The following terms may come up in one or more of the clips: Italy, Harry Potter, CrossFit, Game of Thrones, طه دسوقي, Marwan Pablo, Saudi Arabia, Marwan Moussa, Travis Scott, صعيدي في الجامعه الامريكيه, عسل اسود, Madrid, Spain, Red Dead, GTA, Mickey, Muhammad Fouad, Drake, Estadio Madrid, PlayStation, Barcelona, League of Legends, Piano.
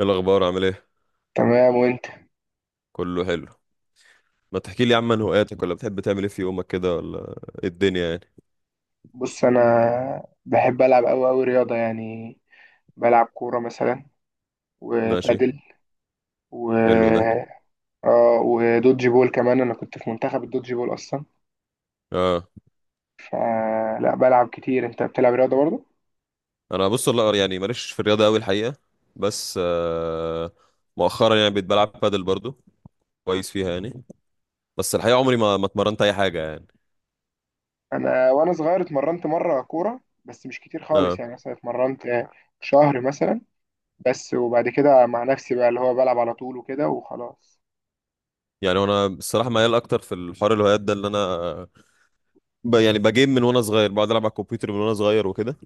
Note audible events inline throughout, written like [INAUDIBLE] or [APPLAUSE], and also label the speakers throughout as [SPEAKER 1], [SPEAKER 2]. [SPEAKER 1] ايه الاخبار عامل ايه؟
[SPEAKER 2] تمام، وانت؟
[SPEAKER 1] كله حلو. ما تحكي لي يا عم عن هواياتك، ولا بتحب تعمل ايه في يومك كده، ولا ايه الدنيا يعني؟
[SPEAKER 2] بص، انا بحب العب قوي قوي رياضه يعني. بلعب كوره مثلا،
[SPEAKER 1] ماشي.
[SPEAKER 2] وبادل، و
[SPEAKER 1] حلو ده.
[SPEAKER 2] اه ودوج بول كمان، انا كنت في منتخب الدوج بول اصلا.
[SPEAKER 1] اه،
[SPEAKER 2] فلا بلعب كتير، انت بتلعب رياضه برضه؟
[SPEAKER 1] انا بص، والله يعني ماليش في الرياضه قوي الحقيقه. بس مؤخرا يعني بقيت بلعب بادل برضو. كويس فيها يعني. بس الحقيقه عمري ما اتمرنت اي حاجه يعني.
[SPEAKER 2] انا وانا صغير اتمرنت مره كوره، بس مش كتير خالص،
[SPEAKER 1] اه،
[SPEAKER 2] يعني مثلا اتمرنت شهر مثلا بس، وبعد كده مع نفسي بقى اللي هو بلعب على طول وكده وخلاص.
[SPEAKER 1] يعني انا الصراحه ميال اكتر في الحوار الهوايات ده اللي انا يعني بجيم من وانا صغير، بقعد العب على الكمبيوتر من وانا صغير وكده.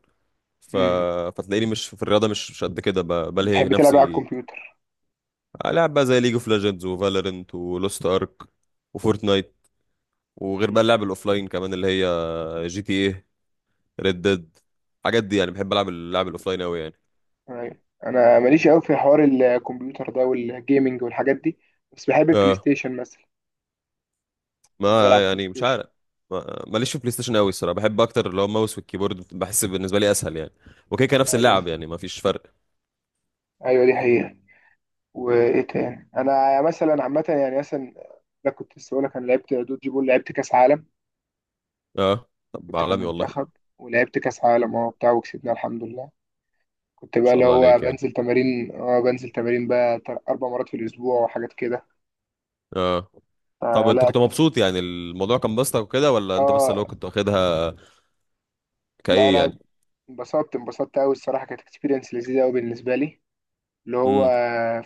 [SPEAKER 1] ف...
[SPEAKER 2] امم
[SPEAKER 1] فتلاقيني مش في الرياضه، مش قد كده، بلهي
[SPEAKER 2] بتحب تلعب بقى على
[SPEAKER 1] نفسي.
[SPEAKER 2] الكمبيوتر؟
[SPEAKER 1] لعب بقى زي ليج اوف ليجندز وفالورنت ولوست ارك وفورتنايت. وغير بقى اللعب الاوفلاين كمان، اللي هي جي تي ايه، ريد ديد، الحاجات دي يعني. بحب العب اللعب الاوفلاين قوي يعني.
[SPEAKER 2] أيوة. انا ماليش قوي في حوار الكمبيوتر ده والجيمنج والحاجات دي، بس بحب البلاي
[SPEAKER 1] اه،
[SPEAKER 2] ستيشن مثلا. يعني بلعب
[SPEAKER 1] ما
[SPEAKER 2] بلاي
[SPEAKER 1] يعني مش
[SPEAKER 2] ستيشن.
[SPEAKER 1] عارف. ماليش في بلاي ستيشن قوي الصراحه. بحب اكتر اللي هو الماوس والكيبورد، بحس بالنسبه لي اسهل يعني. وكيكه نفس
[SPEAKER 2] ايوه،
[SPEAKER 1] اللعب، يعني ما فيش فرق.
[SPEAKER 2] ايوه، دي حقيقة. وايه تاني؟ انا مثلا عامة يعني مثلا، لا كنت لسه بقول لك، انا لعبت دوج بول، لعبت كاس عالم،
[SPEAKER 1] اه طب
[SPEAKER 2] كنت في
[SPEAKER 1] عالمي، والله ما
[SPEAKER 2] المنتخب، ولعبت كاس عالم بتاع وكسبنا الحمد لله. كنت بقى
[SPEAKER 1] شاء
[SPEAKER 2] اللي
[SPEAKER 1] الله
[SPEAKER 2] هو
[SPEAKER 1] عليك يعني.
[SPEAKER 2] بنزل تمارين بقى 4 مرات في الاسبوع وحاجات كده.
[SPEAKER 1] اه، طب انت
[SPEAKER 2] فلا
[SPEAKER 1] كنت
[SPEAKER 2] كان،
[SPEAKER 1] مبسوط يعني الموضوع كان بسطك وكده، ولا انت بس
[SPEAKER 2] اه
[SPEAKER 1] اللي هو كنت واخدها
[SPEAKER 2] لا
[SPEAKER 1] كايه
[SPEAKER 2] لا،
[SPEAKER 1] يعني؟
[SPEAKER 2] انبسطت انبسطت قوي الصراحة، كانت اكسبيرينس لذيذة قوي بالنسبة لي. اللي هو
[SPEAKER 1] امم،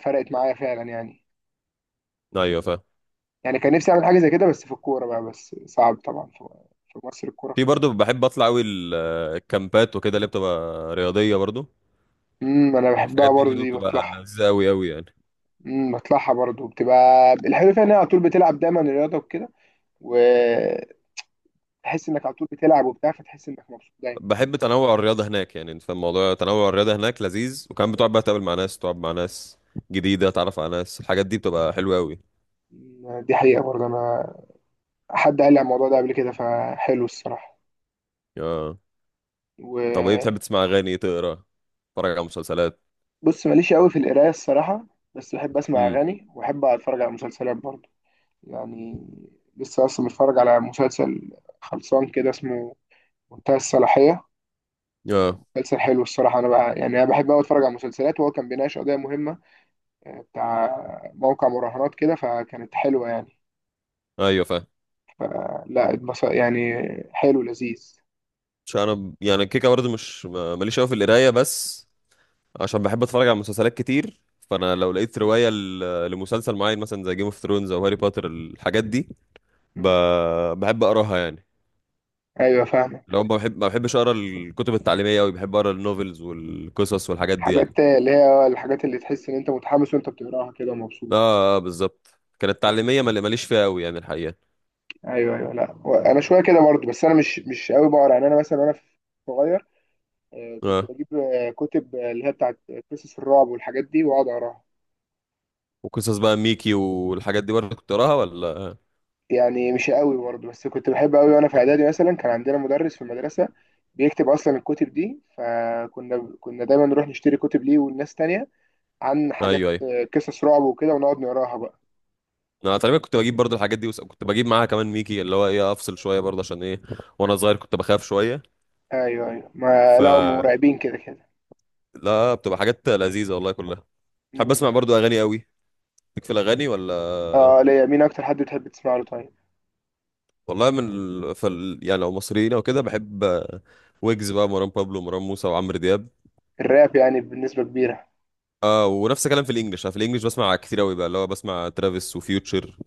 [SPEAKER 2] فرقت معايا فعلا يعني.
[SPEAKER 1] ايوه فاهم.
[SPEAKER 2] يعني كان نفسي اعمل حاجه زي كده، بس في الكوره بقى، بس صعب طبعا في مصر، الكوره
[SPEAKER 1] في
[SPEAKER 2] في مصر.
[SPEAKER 1] برضو بحب اطلع قوي الكامبات وكده اللي بتبقى رياضيه برضو.
[SPEAKER 2] انا بحبها
[SPEAKER 1] الحاجات دي
[SPEAKER 2] برضو،
[SPEAKER 1] برضو
[SPEAKER 2] دي
[SPEAKER 1] بتبقى
[SPEAKER 2] بطلعها.
[SPEAKER 1] لذيذه قوي قوي يعني.
[SPEAKER 2] بطلعها برضو، بتبقى الحلو فيها ان هي على طول بتلعب دايما الرياضه وكده، وتحس انك على طول بتلعب وبتاع، فتحس انك مبسوط دايما.
[SPEAKER 1] بحب تنوع الرياضه هناك يعني، انت فاهم موضوع تنوع الرياضه هناك لذيذ، وكمان بتقعد بقى تقابل مع ناس، تقعد مع ناس جديده، تعرف على ناس، الحاجات دي بتبقى حلوه قوي.
[SPEAKER 2] دي حقيقه برضو انا، حد قال لي على الموضوع ده قبل كده، فحلو الصراحه،
[SPEAKER 1] اه، طب ايه
[SPEAKER 2] وبص.
[SPEAKER 1] بتحب تسمع اغاني، تقرا، تتفرج على مسلسلات؟
[SPEAKER 2] ماليش قوي في القرايه الصراحه، بس بحب اسمع
[SPEAKER 1] امم.
[SPEAKER 2] اغاني، واحب اتفرج على مسلسلات برضو. يعني لسه اصلا متفرج على مسلسل خلصان كده اسمه منتهى الصلاحية.
[SPEAKER 1] اه،
[SPEAKER 2] مسلسل حلو الصراحة. أنا بقى يعني أنا بحب أوي أتفرج على المسلسلات، وهو كان بيناقش قضية مهمة بتاع موقع مراهنات كده، فكانت حلوة يعني.
[SPEAKER 1] ايوه فاهم.
[SPEAKER 2] لا يعني حلو لذيذ.
[SPEAKER 1] مش انا يعني كيكه برضو، مش ماليش قوي في القرايه، بس عشان بحب اتفرج على مسلسلات كتير. فانا لو لقيت
[SPEAKER 2] مم.
[SPEAKER 1] روايه لمسلسل معين مثلا زي جيم اوف ثرونز او هاري بوتر، الحاجات دي ب...
[SPEAKER 2] مم.
[SPEAKER 1] بحب اقراها يعني.
[SPEAKER 2] أيوة فاهمك.
[SPEAKER 1] لو ما بحبش اقرا الكتب التعليميه قوي، بحب اقرا النوفلز والقصص والحاجات دي يعني.
[SPEAKER 2] حاجات اللي هي آه، الحاجات اللي تحس إن أنت متحمس وأنت بتقراها كده ومبسوط.
[SPEAKER 1] اه، آه بالظبط. كانت تعليميه، ماليش فيها قوي يعني الحقيقه.
[SPEAKER 2] أيوة، أيوة، لا هو أنا شوية كده برضه، بس أنا مش أوي بقرا يعني. أنا مثلا وأنا صغير كنت
[SPEAKER 1] اه،
[SPEAKER 2] بجيب كتب اللي هي بتاعت قصص الرعب والحاجات دي واقعد اقراها.
[SPEAKER 1] وقصص بقى ميكي والحاجات دي برضه كنت اقراها ولا؟
[SPEAKER 2] يعني مش قوي برضه، بس كنت بحب قوي وانا في اعدادي، مثلا كان عندنا مدرس في المدرسه بيكتب اصلا الكتب دي، فكنا دايما نروح نشتري كتب ليه والناس تانية عن حاجات
[SPEAKER 1] ايوه، ايوه،
[SPEAKER 2] قصص رعب وكده ونقعد نقراها بقى.
[SPEAKER 1] انا تقريبا كنت بجيب برضه الحاجات دي، وكنت بجيب معاها كمان ميكي، اللي هو ايه افصل شويه برضه، عشان ايه وانا صغير كنت بخاف شويه.
[SPEAKER 2] ايوه، ايوه، ما
[SPEAKER 1] ف
[SPEAKER 2] لا، هم مرعبين كده كده.
[SPEAKER 1] لا، بتبقى حاجات لذيذة والله كلها. بحب
[SPEAKER 2] مم.
[SPEAKER 1] اسمع برضو اغاني قوي. ليك في الاغاني ولا؟
[SPEAKER 2] اه، ليا. مين اكتر حد بتحب تسمع له طيب؟
[SPEAKER 1] والله يعني لو مصريين او كده بحب، ويجز بقى، مروان بابلو، مروان موسى، وعمرو دياب.
[SPEAKER 2] الراب يعني بنسبه كبيره.
[SPEAKER 1] اه، ونفس الكلام في الانجليش. أنا في الانجليش بسمع كتير قوي، بقى اللي هو بسمع ترافيس وفيوتشر،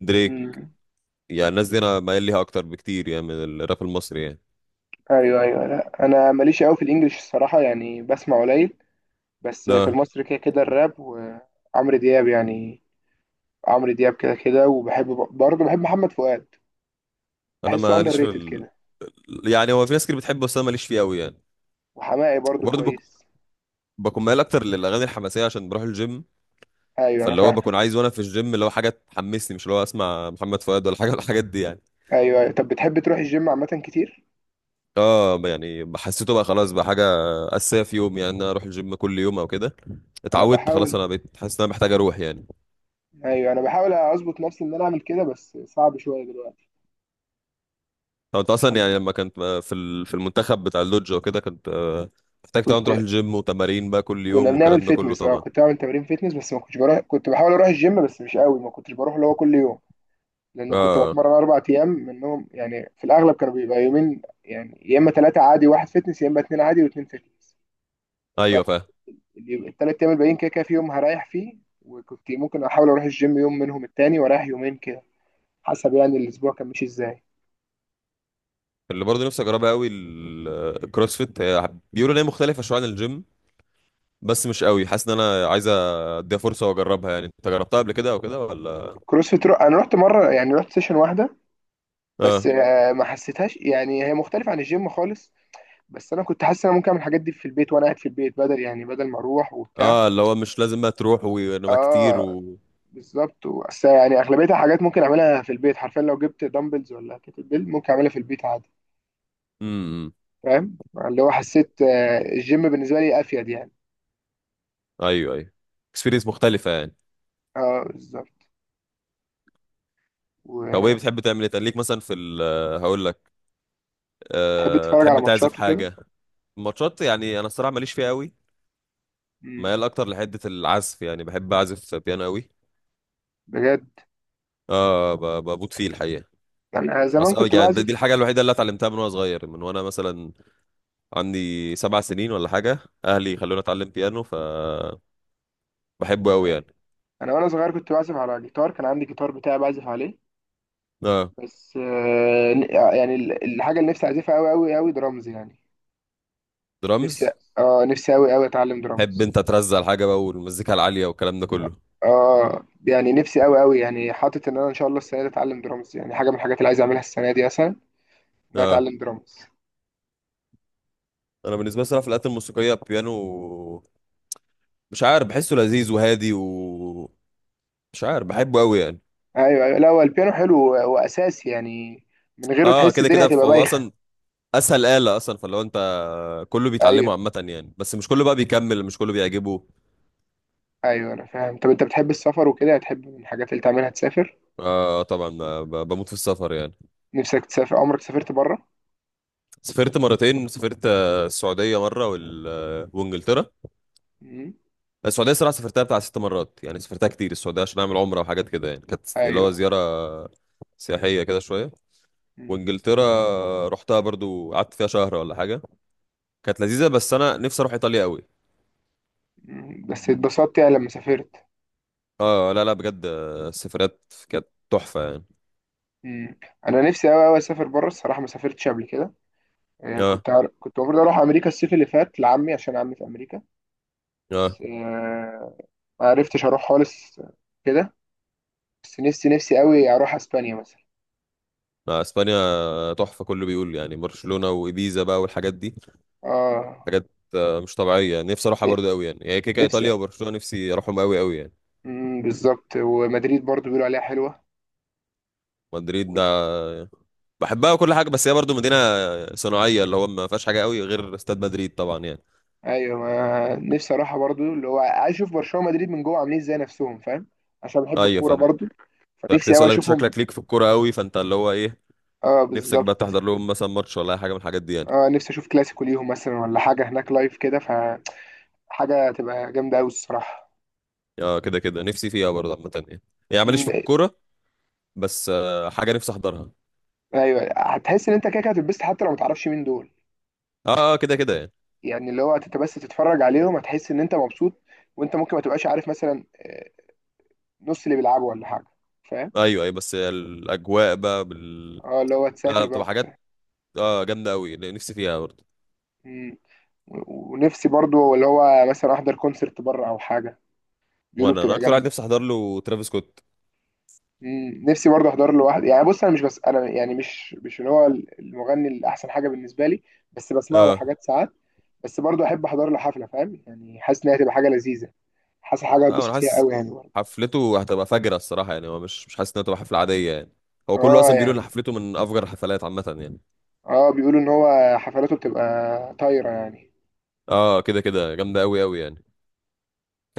[SPEAKER 1] دريك.
[SPEAKER 2] مم.
[SPEAKER 1] يعني الناس دي انا مايل ليها اكتر بكتير يعني من الراب المصري يعني.
[SPEAKER 2] ايوه، ايوه، لا انا ماليش قوي في الانجليش الصراحه، يعني بسمع قليل. بس في
[SPEAKER 1] لا،
[SPEAKER 2] المصري كده كده الراب وعمرو دياب يعني. عمرو دياب كده كده، وبحب، برضه بحب محمد فؤاد.
[SPEAKER 1] انا
[SPEAKER 2] بحسه اندر
[SPEAKER 1] ماليش في
[SPEAKER 2] ريتد كده.
[SPEAKER 1] يعني هو في ناس كتير بتحبه بس انا ماليش فيه قوي يعني.
[SPEAKER 2] وحماقي برضه
[SPEAKER 1] وبرضه بك...
[SPEAKER 2] كويس.
[SPEAKER 1] بكون مايل اكتر للاغاني الحماسيه عشان بروح الجيم.
[SPEAKER 2] ايوه انا
[SPEAKER 1] فاللي هو
[SPEAKER 2] فاهم.
[SPEAKER 1] بكون عايز وانا في الجيم اللي هو حاجه تحمسني، مش اللي هو اسمع محمد فؤاد ولا [LAUGHS] حاجه ولا الحاجات دي يعني.
[SPEAKER 2] ايوه، أيوة. طب بتحب تروح الجيم عامة كتير؟
[SPEAKER 1] اه، يعني حسيته بقى خلاص بقى حاجه اساسيه في يوم، يعني إن انا اروح الجيم كل يوم او كده.
[SPEAKER 2] انا
[SPEAKER 1] اتعودت خلاص،
[SPEAKER 2] بحاول.
[SPEAKER 1] انا بقيت حاسس ان انا محتاج اروح يعني.
[SPEAKER 2] ايوه انا بحاول اظبط نفسي ان انا اعمل كده، بس صعب شوية دلوقتي.
[SPEAKER 1] طب انت اصلا
[SPEAKER 2] عشان
[SPEAKER 1] يعني لما كنت في في المنتخب بتاع اللودج وكده، كنت محتاج طبعا
[SPEAKER 2] كنت
[SPEAKER 1] تروح الجيم وتمارين بقى كل
[SPEAKER 2] كنا
[SPEAKER 1] يوم
[SPEAKER 2] بنعمل
[SPEAKER 1] والكلام ده كله
[SPEAKER 2] فيتنس،
[SPEAKER 1] طبعا.
[SPEAKER 2] كنت بعمل تمارين فيتنس، بس ما كنتش بروح، كنت بحاول اروح الجيم بس مش قوي، ما كنتش بروح اللي هو كل يوم. لأن كنت
[SPEAKER 1] اه،
[SPEAKER 2] بتمرن 4 أيام منهم، يعني في الأغلب كانوا بيبقى يومين، يعني يا إما ثلاثة عادي واحد فيتنس، يا إما اتنين عادي واتنين فيتنس.
[SPEAKER 1] ايوه فاهم.
[SPEAKER 2] فالتلات أيام الباقيين كده كده في يوم هريح فيه، وكنت ممكن أحاول أروح الجيم يوم منهم التاني وأريح يومين كده، حسب يعني الأسبوع كان ماشي إزاي.
[SPEAKER 1] اللي برضه نفسي اجربها قوي، الكروسفيت، هي بيقولوا ان هي مختلفه شويه عن الجيم. بس مش قوي حاسس ان انا عايز اديها فرصه واجربها يعني. انت جربتها قبل كده او كده ولا؟
[SPEAKER 2] كروسفيت أنا رحت مرة يعني، رحت سيشن واحدة. بس
[SPEAKER 1] اه،
[SPEAKER 2] ما حسيتهاش يعني، هي مختلفة عن الجيم خالص. بس أنا كنت حاسس إن أنا ممكن أعمل الحاجات دي في البيت وأنا قاعد في البيت، بدل يعني بدل ما أروح وبتاع.
[SPEAKER 1] اه، اللي هو مش لازم بقى تروح وانما كتير
[SPEAKER 2] آه،
[SPEAKER 1] و...
[SPEAKER 2] بالظبط، بس يعني اغلبيتها حاجات ممكن اعملها في البيت حرفيا، لو جبت دمبلز ولا كتل بيل ممكن اعملها في البيت عادي.
[SPEAKER 1] امم.
[SPEAKER 2] فاهم. اللي هو حسيت الجيم بالنسبه لي افيد يعني.
[SPEAKER 1] ايوه ايوه، اكسبيرينس مختلفه يعني.
[SPEAKER 2] اه بالظبط.
[SPEAKER 1] طب ايه
[SPEAKER 2] وتحب
[SPEAKER 1] بتحب تعمل ايه تاني؟ ليك مثلا في هقول لك، أه
[SPEAKER 2] تتفرج على
[SPEAKER 1] تحب تعزف
[SPEAKER 2] ماتشات وكده؟
[SPEAKER 1] حاجه؟ ماتشات يعني، انا الصراحه ماليش فيها قوي.
[SPEAKER 2] مم.
[SPEAKER 1] ميال اكتر لحته العزف يعني، بحب اعزف بيانو قوي.
[SPEAKER 2] بجد؟
[SPEAKER 1] اه، بموت فيه الحقيقه.
[SPEAKER 2] يعني انا زمان
[SPEAKER 1] اصل
[SPEAKER 2] كنت
[SPEAKER 1] يعني دي
[SPEAKER 2] بعزف.
[SPEAKER 1] الحاجه الوحيده اللي اتعلمتها من وانا صغير، من وانا مثلا عندي 7 سنين ولا حاجة. أهلي خلوني أتعلم بيانو فبحبه أوي
[SPEAKER 2] يعني
[SPEAKER 1] يعني.
[SPEAKER 2] انا وانا صغير كنت بعزف على جيتار، كان عندي جيتار بتاعي بعزف عليه.
[SPEAKER 1] اه،
[SPEAKER 2] بس يعني الحاجه اللي نفسي اعزفها قوي قوي قوي درامز يعني.
[SPEAKER 1] درامز.
[SPEAKER 2] نفسي. اه نفسي قوي قوي اتعلم
[SPEAKER 1] تحب
[SPEAKER 2] درامز.
[SPEAKER 1] أنت ترزع الحاجة بقى والمزيكا العالية والكلام ده كله.
[SPEAKER 2] اه يعني نفسي قوي قوي، يعني حاطط ان انا ان شاء الله السنه دي اتعلم درامز، يعني حاجه من الحاجات اللي عايز اعملها السنه دي مثلا، ان انا
[SPEAKER 1] اه،
[SPEAKER 2] اتعلم درامز.
[SPEAKER 1] أنا بالنسبة لي صراحة في الآلات الموسيقية البيانو، مش عارف بحسه لذيذ وهادي، و... مش عارف بحبه أوي يعني.
[SPEAKER 2] ايوه، ايوه، لا هو البيانو حلو واساسي يعني. من غيره
[SPEAKER 1] اه
[SPEAKER 2] تحس
[SPEAKER 1] كده
[SPEAKER 2] الدنيا
[SPEAKER 1] كده،
[SPEAKER 2] هتبقى
[SPEAKER 1] هو
[SPEAKER 2] بايخه.
[SPEAKER 1] أصلا أسهل آلة أصلا، فلو أنت... كله بيتعلمه
[SPEAKER 2] ايوه،
[SPEAKER 1] عامة يعني، بس مش كله بقى بيكمل، مش كله بيعجبه.
[SPEAKER 2] ايوه، انا فاهم. طب انت بتحب السفر وكده؟ هتحب من الحاجات اللي تعملها تسافر؟
[SPEAKER 1] اه طبعا، بموت في السفر يعني.
[SPEAKER 2] نفسك تسافر؟ عمرك سافرت بره؟
[SPEAKER 1] سافرت مرتين، سافرت السعودية مرة وال... آه، وإنجلترا.
[SPEAKER 2] امم،
[SPEAKER 1] السعوديه الصراحه سافرتها بتاع 6 مرات يعني، سافرتها كتير السعوديه عشان اعمل عمره وحاجات كده يعني، كانت اللي هو
[SPEAKER 2] ايوه.
[SPEAKER 1] زياره سياحيه كده شويه.
[SPEAKER 2] مم.
[SPEAKER 1] وانجلترا رحتها برضو، قعدت فيها شهر ولا حاجه، كانت لذيذه، بس انا نفسي اروح ايطاليا قوي.
[SPEAKER 2] مم. بس اتبسطت يعني لما سافرت؟
[SPEAKER 1] اه، لا لا بجد السفرات كانت تحفه يعني.
[SPEAKER 2] مم. انا نفسي قوي قوي اسافر بره الصراحه، ما سافرتش قبل كده.
[SPEAKER 1] اه
[SPEAKER 2] كنت المفروض اروح امريكا الصيف اللي فات لعمي، عشان عمي في امريكا.
[SPEAKER 1] اه،
[SPEAKER 2] بس ما عرفتش اروح خالص كده. بس نفسي نفسي قوي اروح اسبانيا مثلا.
[SPEAKER 1] لا، اسبانيا تحفه كله بيقول يعني، برشلونه وابيزا بقى والحاجات دي،
[SPEAKER 2] اه،
[SPEAKER 1] حاجات مش طبيعيه يعني. نفسي اروحها
[SPEAKER 2] ن-
[SPEAKER 1] برضو قوي يعني، هي كيكه ايطاليا
[SPEAKER 2] نفسي،
[SPEAKER 1] وبرشلونه نفسي اروحهم قوي قوي يعني.
[SPEAKER 2] بالظبط، ومدريد برضو بيقولوا عليها حلوه.
[SPEAKER 1] مدريد
[SPEAKER 2] و-
[SPEAKER 1] ده بحبها وكل حاجه، بس هي برضو مدينه صناعيه اللي هو ما فيهاش حاجه قوي غير استاد مدريد طبعا يعني.
[SPEAKER 2] ايوه، ما نفسي اروحها برضو اللي هو عايز اشوف برشلونه ومدريد من جوه عاملين ازاي نفسهم، فاهم. عشان بحب
[SPEAKER 1] ايوه
[SPEAKER 2] الكوره
[SPEAKER 1] فانت،
[SPEAKER 2] برضو.
[SPEAKER 1] كنت
[SPEAKER 2] فنفسي
[SPEAKER 1] لسه
[SPEAKER 2] قوي
[SPEAKER 1] اقول لك
[SPEAKER 2] اشوفهم.
[SPEAKER 1] شكلك ليك في الكوره قوي، فانت اللي هو ايه
[SPEAKER 2] اه
[SPEAKER 1] نفسك بقى
[SPEAKER 2] بالظبط.
[SPEAKER 1] تحضر لهم مثلا ماتش ولا اي حاجه من الحاجات دي يعني؟
[SPEAKER 2] اه، نفسي اشوف كلاسيكو ليهم مثلا ولا حاجه هناك لايف كده، فحاجه تبقى جامده قوي الصراحه.
[SPEAKER 1] اه كده كده نفسي فيها برضه عامه يعني، يعني ماليش
[SPEAKER 2] امم،
[SPEAKER 1] في الكوره بس حاجه نفسي احضرها.
[SPEAKER 2] ايوه. هتحس ان انت كده كده هتتبسط حتى لو ما تعرفش مين دول
[SPEAKER 1] اه، كده كده يعني.
[SPEAKER 2] يعني. اللي هو انت بس تتفرج عليهم هتحس ان انت مبسوط. وانت ممكن ما تبقاش عارف مثلا نص اللي بيلعبوا ولا حاجه، فاهم.
[SPEAKER 1] ايوه ايوه بس الاجواء بقى
[SPEAKER 2] اه اللي هو
[SPEAKER 1] لا لا،
[SPEAKER 2] تسافر بقى
[SPEAKER 1] بتبقى
[SPEAKER 2] وبتاع.
[SPEAKER 1] حاجات، اه، جامده قوي نفسي فيها برضه.
[SPEAKER 2] مم. ونفسي برضو اللي هو مثلا احضر كونسرت بره او حاجه. بيقولوا
[SPEAKER 1] وانا
[SPEAKER 2] بتبقى
[SPEAKER 1] اكتر واحد
[SPEAKER 2] جامده.
[SPEAKER 1] نفسي احضر له ترافيس سكوت.
[SPEAKER 2] مم. نفسي برضو احضر له واحد، يعني بص، انا مش بس انا يعني مش اللي هو المغني اللي احسن حاجه بالنسبه لي. بس بسمع له
[SPEAKER 1] اه،
[SPEAKER 2] حاجات ساعات. بس برضو احب احضر له حفله، فاهم يعني، حاسس ان هي هتبقى حاجه لذيذه. حاسس حاجه
[SPEAKER 1] لا انا
[SPEAKER 2] اتبسط فيها
[SPEAKER 1] حاسس
[SPEAKER 2] قوي يعني برضو.
[SPEAKER 1] حفلته هتبقى فجرة الصراحة يعني، هو مش حاسس انها تبقى حفلة عادية يعني. هو كله
[SPEAKER 2] اه
[SPEAKER 1] اصلا بيقولوا ان
[SPEAKER 2] يعني.
[SPEAKER 1] حفلته من افجر الحفلات عامة يعني.
[SPEAKER 2] اه بيقولوا ان هو حفلاته بتبقى طايره يعني.
[SPEAKER 1] اه كده كده جامدة قوي قوي يعني.